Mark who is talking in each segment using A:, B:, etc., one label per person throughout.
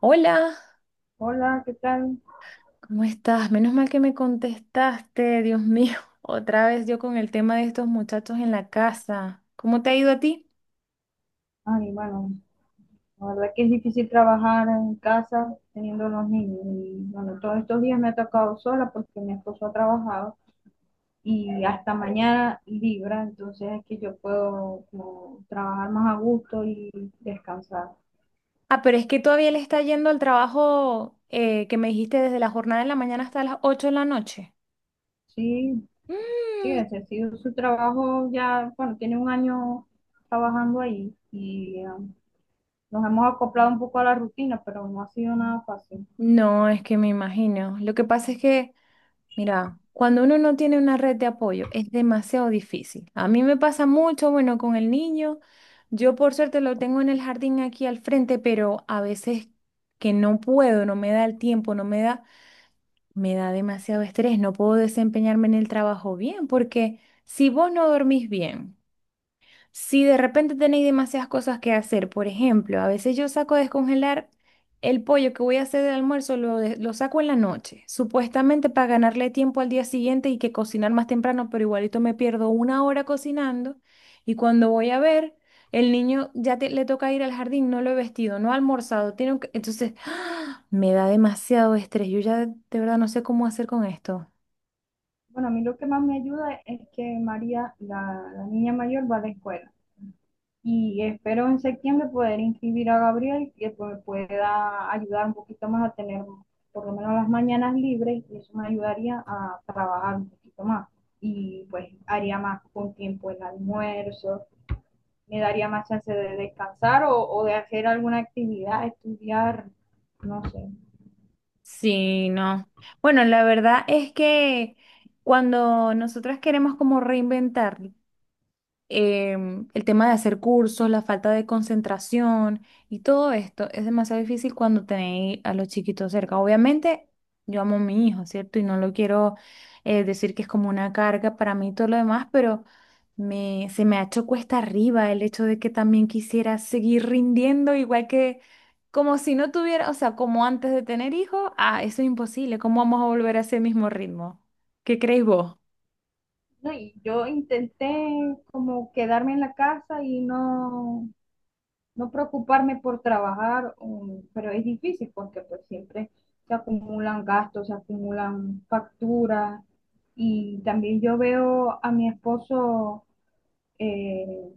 A: Hola,
B: Hola, ¿qué tal?
A: ¿cómo estás? Menos mal que me contestaste, Dios mío. Otra vez yo con el tema de estos muchachos en la casa. ¿Cómo te ha ido a ti?
B: Ay, bueno, la verdad que es difícil trabajar en casa teniendo los niños. Y bueno, todos estos días me ha tocado sola porque mi esposo ha trabajado y hasta mañana libra, entonces es que yo puedo como trabajar más a gusto y descansar.
A: Ah, pero es que todavía le está yendo al trabajo que me dijiste desde la jornada de la mañana hasta las 8 de la noche.
B: Sí, sí,
A: Mm.
B: ese ha sido su trabajo ya, bueno, tiene un año trabajando ahí y nos hemos acoplado un poco a la rutina, pero no ha sido nada fácil.
A: No, es que me imagino. Lo que pasa es que mira, cuando uno no tiene una red de apoyo, es demasiado difícil. A mí me pasa mucho, bueno, con el niño. Yo por suerte lo tengo en el jardín aquí al frente, pero a veces que no puedo, no me da el tiempo, no me da, me da demasiado estrés, no puedo desempeñarme en el trabajo bien, porque si vos no dormís bien, si de repente tenéis demasiadas cosas que hacer, por ejemplo, a veces yo saco a descongelar el pollo que voy a hacer del almuerzo, lo saco en la noche, supuestamente para ganarle tiempo al día siguiente y que cocinar más temprano, pero igualito me pierdo una hora cocinando y cuando voy a ver, el niño le toca ir al jardín, no lo he vestido, no ha almorzado, entonces me da demasiado estrés, yo ya de verdad no sé cómo hacer con esto.
B: Bueno, a mí lo que más me ayuda es que María, la niña mayor, va a la escuela. Y espero en septiembre poder inscribir a Gabriel, que pues pueda ayudar un poquito más a tener por lo menos las mañanas libres, y eso me ayudaría a trabajar un poquito más. Y pues haría más con tiempo el almuerzo, me daría más chance de descansar o de hacer alguna actividad, estudiar, no sé.
A: Sí, no. Bueno, la verdad es que cuando nosotras queremos como reinventar el tema de hacer cursos, la falta de concentración y todo esto es demasiado difícil cuando tenéis a los chiquitos cerca. Obviamente, yo amo a mi hijo, ¿cierto? Y no lo quiero decir que es como una carga para mí y todo lo demás, pero se me ha hecho cuesta arriba el hecho de que también quisiera seguir rindiendo igual que... Como si no tuviera, o sea, como antes de tener hijos, ah, eso es imposible. ¿Cómo vamos a volver a ese mismo ritmo? ¿Qué creéis vos?
B: No, y yo intenté como quedarme en la casa y no preocuparme por trabajar, pero es difícil porque pues siempre se acumulan gastos, se acumulan facturas y también yo veo a mi esposo eh,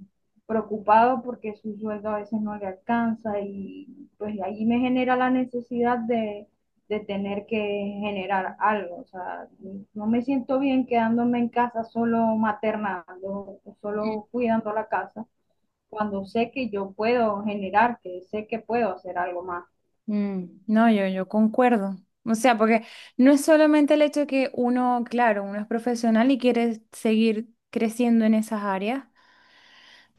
B: preocupado porque su sueldo a veces no le alcanza y pues ahí me genera la necesidad de tener que generar algo, o sea, no me siento bien quedándome en casa solo maternando, solo cuidando la casa cuando sé que yo puedo generar, que sé que puedo hacer algo más.
A: Mm, no, yo concuerdo. O sea, porque no es solamente el hecho de que uno, claro, uno es profesional y quiere seguir creciendo en esas áreas,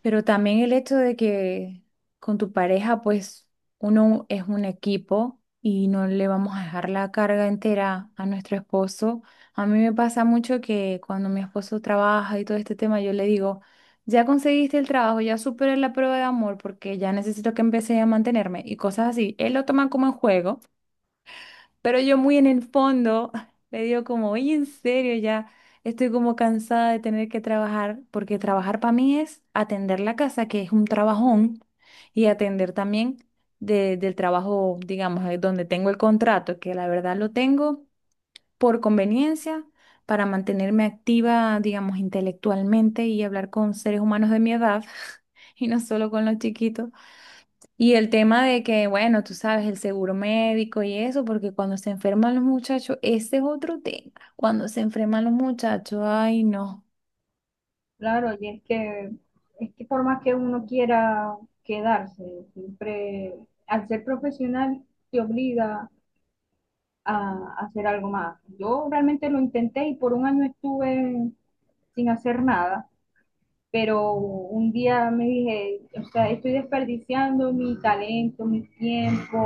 A: pero también el hecho de que con tu pareja, pues uno es un equipo y no le vamos a dejar la carga entera a nuestro esposo. A mí me pasa mucho que cuando mi esposo trabaja y todo este tema, yo le digo, ya conseguiste el trabajo, ya superé la prueba de amor porque ya necesito que empecé a mantenerme y cosas así. Él lo toma como en juego. Pero yo muy en el fondo le digo como, oye, en serio, ya estoy como cansada de tener que trabajar, porque trabajar para mí es atender la casa, que es un trabajón, y atender también del trabajo, digamos, donde tengo el contrato, que la verdad lo tengo por conveniencia, para mantenerme activa, digamos, intelectualmente y hablar con seres humanos de mi edad, y no solo con los chiquitos. Y el tema de que, bueno, tú sabes, el seguro médico y eso, porque cuando se enferman los muchachos, ese es otro tema. Cuando se enferman los muchachos, ay, no.
B: Claro, y es que por más que uno quiera quedarse, siempre al ser profesional te obliga a hacer algo más. Yo realmente lo intenté y por un año estuve sin hacer nada, pero un día me dije, o sea, estoy desperdiciando mi talento, mi tiempo,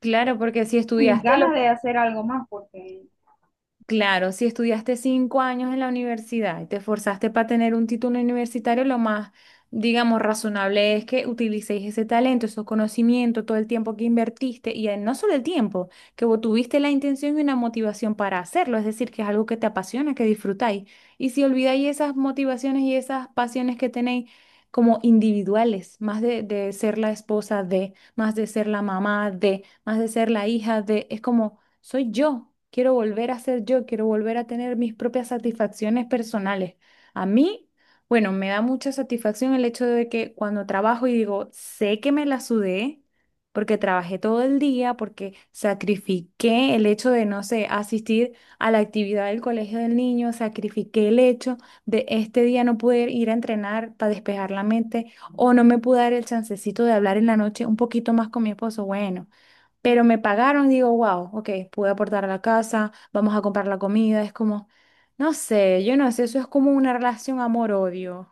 A: Claro, porque si
B: mis
A: estudiaste los
B: ganas de hacer algo más, porque
A: Claro, si estudiaste 5 años en la universidad y te esforzaste para tener un título universitario, lo más, digamos, razonable es que utilicéis ese talento, esos conocimientos, todo el tiempo que invertiste y no solo el tiempo, que vos tuviste la intención y una motivación para hacerlo, es decir, que es algo que te apasiona, que disfrutáis. Y si olvidáis esas motivaciones y esas pasiones que tenéis como individuales, más de ser la esposa de, más de ser la mamá de, más de ser la hija de, es como soy yo. Quiero volver a ser yo, quiero volver a tener mis propias satisfacciones personales. A mí, bueno, me da mucha satisfacción el hecho de que cuando trabajo y digo, sé que me la sudé, porque trabajé todo el día, porque sacrifiqué el hecho de, no sé, asistir a la actividad del colegio del niño, sacrifiqué el hecho de este día no poder ir a entrenar para despejar la mente o no me pude dar el chancecito de hablar en la noche un poquito más con mi esposo. Bueno. Pero me pagaron y digo, wow, ok, pude aportar a la casa, vamos a comprar la comida. Es como, no sé, yo no sé, eso es como una relación amor-odio.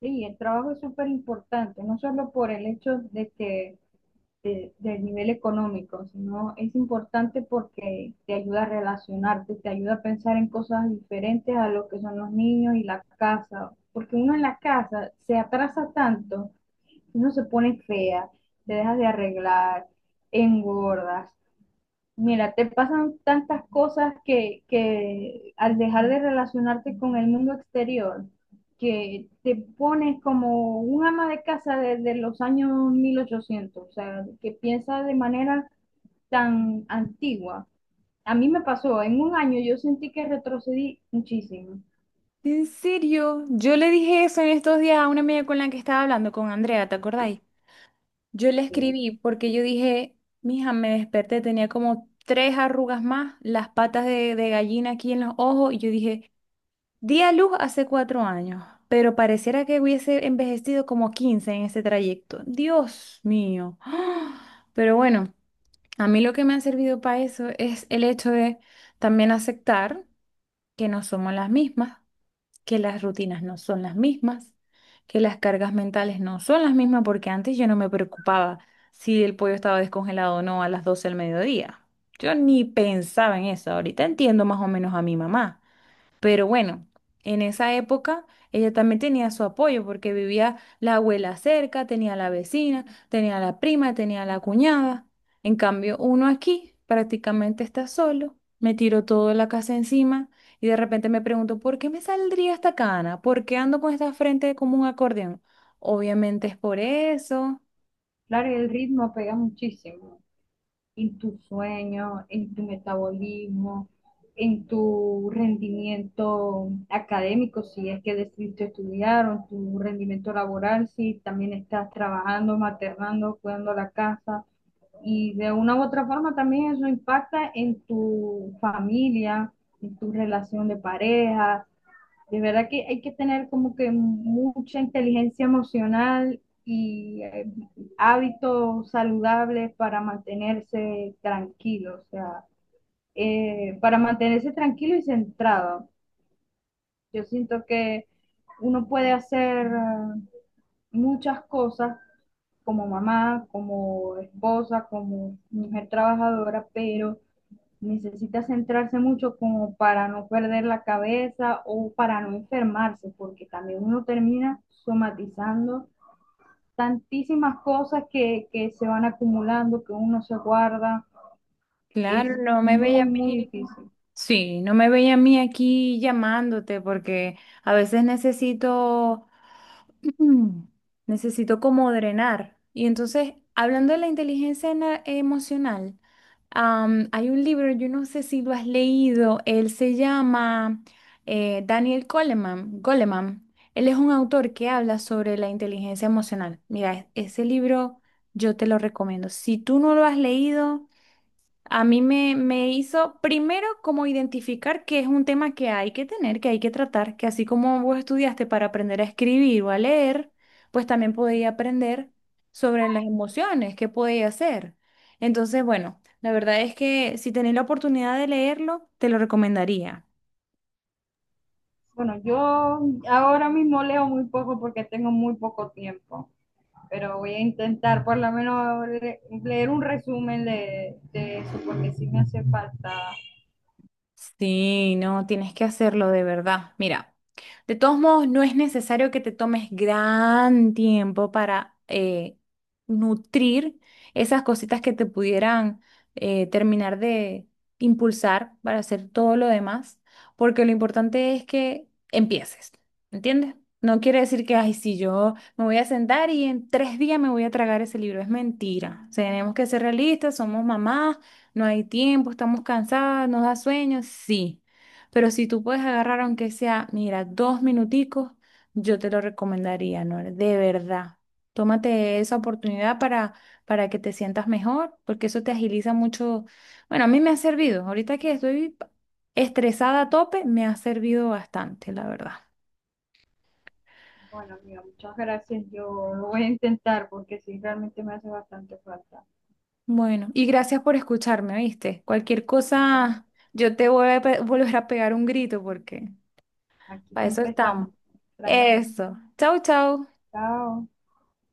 B: sí, el trabajo es súper importante, no solo por el hecho de que del nivel económico, sino es importante porque te ayuda a relacionarte, te ayuda a pensar en cosas diferentes a lo que son los niños y la casa, porque uno en la casa se atrasa tanto, uno se pone fea, te dejas de arreglar, engordas. Mira, te pasan tantas cosas que al dejar de relacionarte con el mundo exterior, que te pones como un ama de casa desde los años 1800, o sea, que piensa de manera tan antigua. A mí me pasó, en un año yo sentí que retrocedí muchísimo.
A: En serio, yo le dije eso en estos días a una amiga con la que estaba hablando, con Andrea, ¿te acordáis? Yo le
B: Sí,
A: escribí porque yo dije, mija, me desperté, tenía como tres arrugas más, las patas de gallina aquí en los ojos, y yo dije, di a luz hace 4 años, pero pareciera que hubiese envejecido como 15 en ese trayecto. Dios mío. ¡Ah! Pero bueno, a mí lo que me ha servido para eso es el hecho de también aceptar que no somos las mismas, que las rutinas no son las mismas, que las cargas mentales no son las mismas, porque antes yo no me preocupaba si el pollo estaba descongelado o no a las 12 del mediodía. Yo ni pensaba en eso. Ahorita entiendo más o menos a mi mamá. Pero bueno, en esa época ella también tenía su apoyo porque vivía la abuela cerca, tenía la vecina, tenía la prima, tenía la cuñada. En cambio, uno aquí prácticamente está solo, me tiro toda la casa encima y de repente me pregunto, ¿por qué me saldría esta cana? ¿Por qué ando con esta frente como un acordeón? Obviamente es por eso.
B: claro, el ritmo pega muchísimo en tu sueño, en tu metabolismo, en tu rendimiento académico, si es que decidiste estudiar, o tu rendimiento laboral, si también estás trabajando, maternando, cuidando la casa. Y de una u otra forma también eso impacta en tu familia, en tu relación de pareja. De verdad que hay que tener como que mucha inteligencia emocional y hábitos saludables para mantenerse tranquilo, o sea, para mantenerse tranquilo y centrado. Yo siento que uno puede hacer muchas cosas como mamá, como esposa, como mujer trabajadora, pero necesita centrarse mucho como para no perder la cabeza o para no enfermarse, porque también uno termina somatizando tantísimas cosas que se van acumulando, que uno se guarda,
A: Claro,
B: es
A: no me veía
B: muy,
A: a
B: muy
A: mí.
B: difícil.
A: Sí, no me veía a mí aquí llamándote porque a veces necesito Mm. Necesito como drenar. Y entonces, hablando de la inteligencia emocional, hay un libro, yo no sé si lo has leído, él se llama Daniel Goleman, Goleman. Él es un autor que habla sobre la inteligencia emocional. Mira, ese libro yo te lo recomiendo. Si tú no lo has leído, a mí me hizo primero como identificar que es un tema que hay que tener, que hay que tratar, que así como vos estudiaste para aprender a escribir o a leer, pues también podía aprender sobre las emociones, qué podía hacer. Entonces, bueno, la verdad es que si tenés la oportunidad de leerlo, te lo recomendaría.
B: Bueno, yo ahora mismo leo muy poco porque tengo muy poco tiempo, pero voy a intentar por lo menos leer un resumen de eso, porque sí me hace falta.
A: Sí, no, tienes que hacerlo de verdad. Mira, de todos modos, no es necesario que te tomes gran tiempo para nutrir esas cositas que te pudieran terminar de impulsar para hacer todo lo demás, porque lo importante es que empieces, ¿entiendes? No quiere decir que, ay, si yo me voy a sentar y en 3 días me voy a tragar ese libro, es mentira. O sea, tenemos que ser realistas, somos mamás, no hay tiempo, estamos cansadas, nos da sueño, sí. Pero si tú puedes agarrar, aunque sea, mira, 2 minuticos, yo te lo recomendaría, ¿no? De verdad. Tómate esa oportunidad para que te sientas mejor, porque eso te agiliza mucho. Bueno, a mí me ha servido. Ahorita que estoy estresada a tope, me ha servido bastante, la verdad.
B: Bueno, amiga, muchas gracias. Yo lo voy a intentar porque sí, realmente me hace bastante falta.
A: Bueno, y gracias por escucharme, ¿viste? Cualquier cosa, yo te voy a volver a pegar un grito porque
B: Aquí
A: para eso
B: siempre
A: estamos.
B: estamos. Tranqui.
A: Eso. Chau, chau.
B: Chao.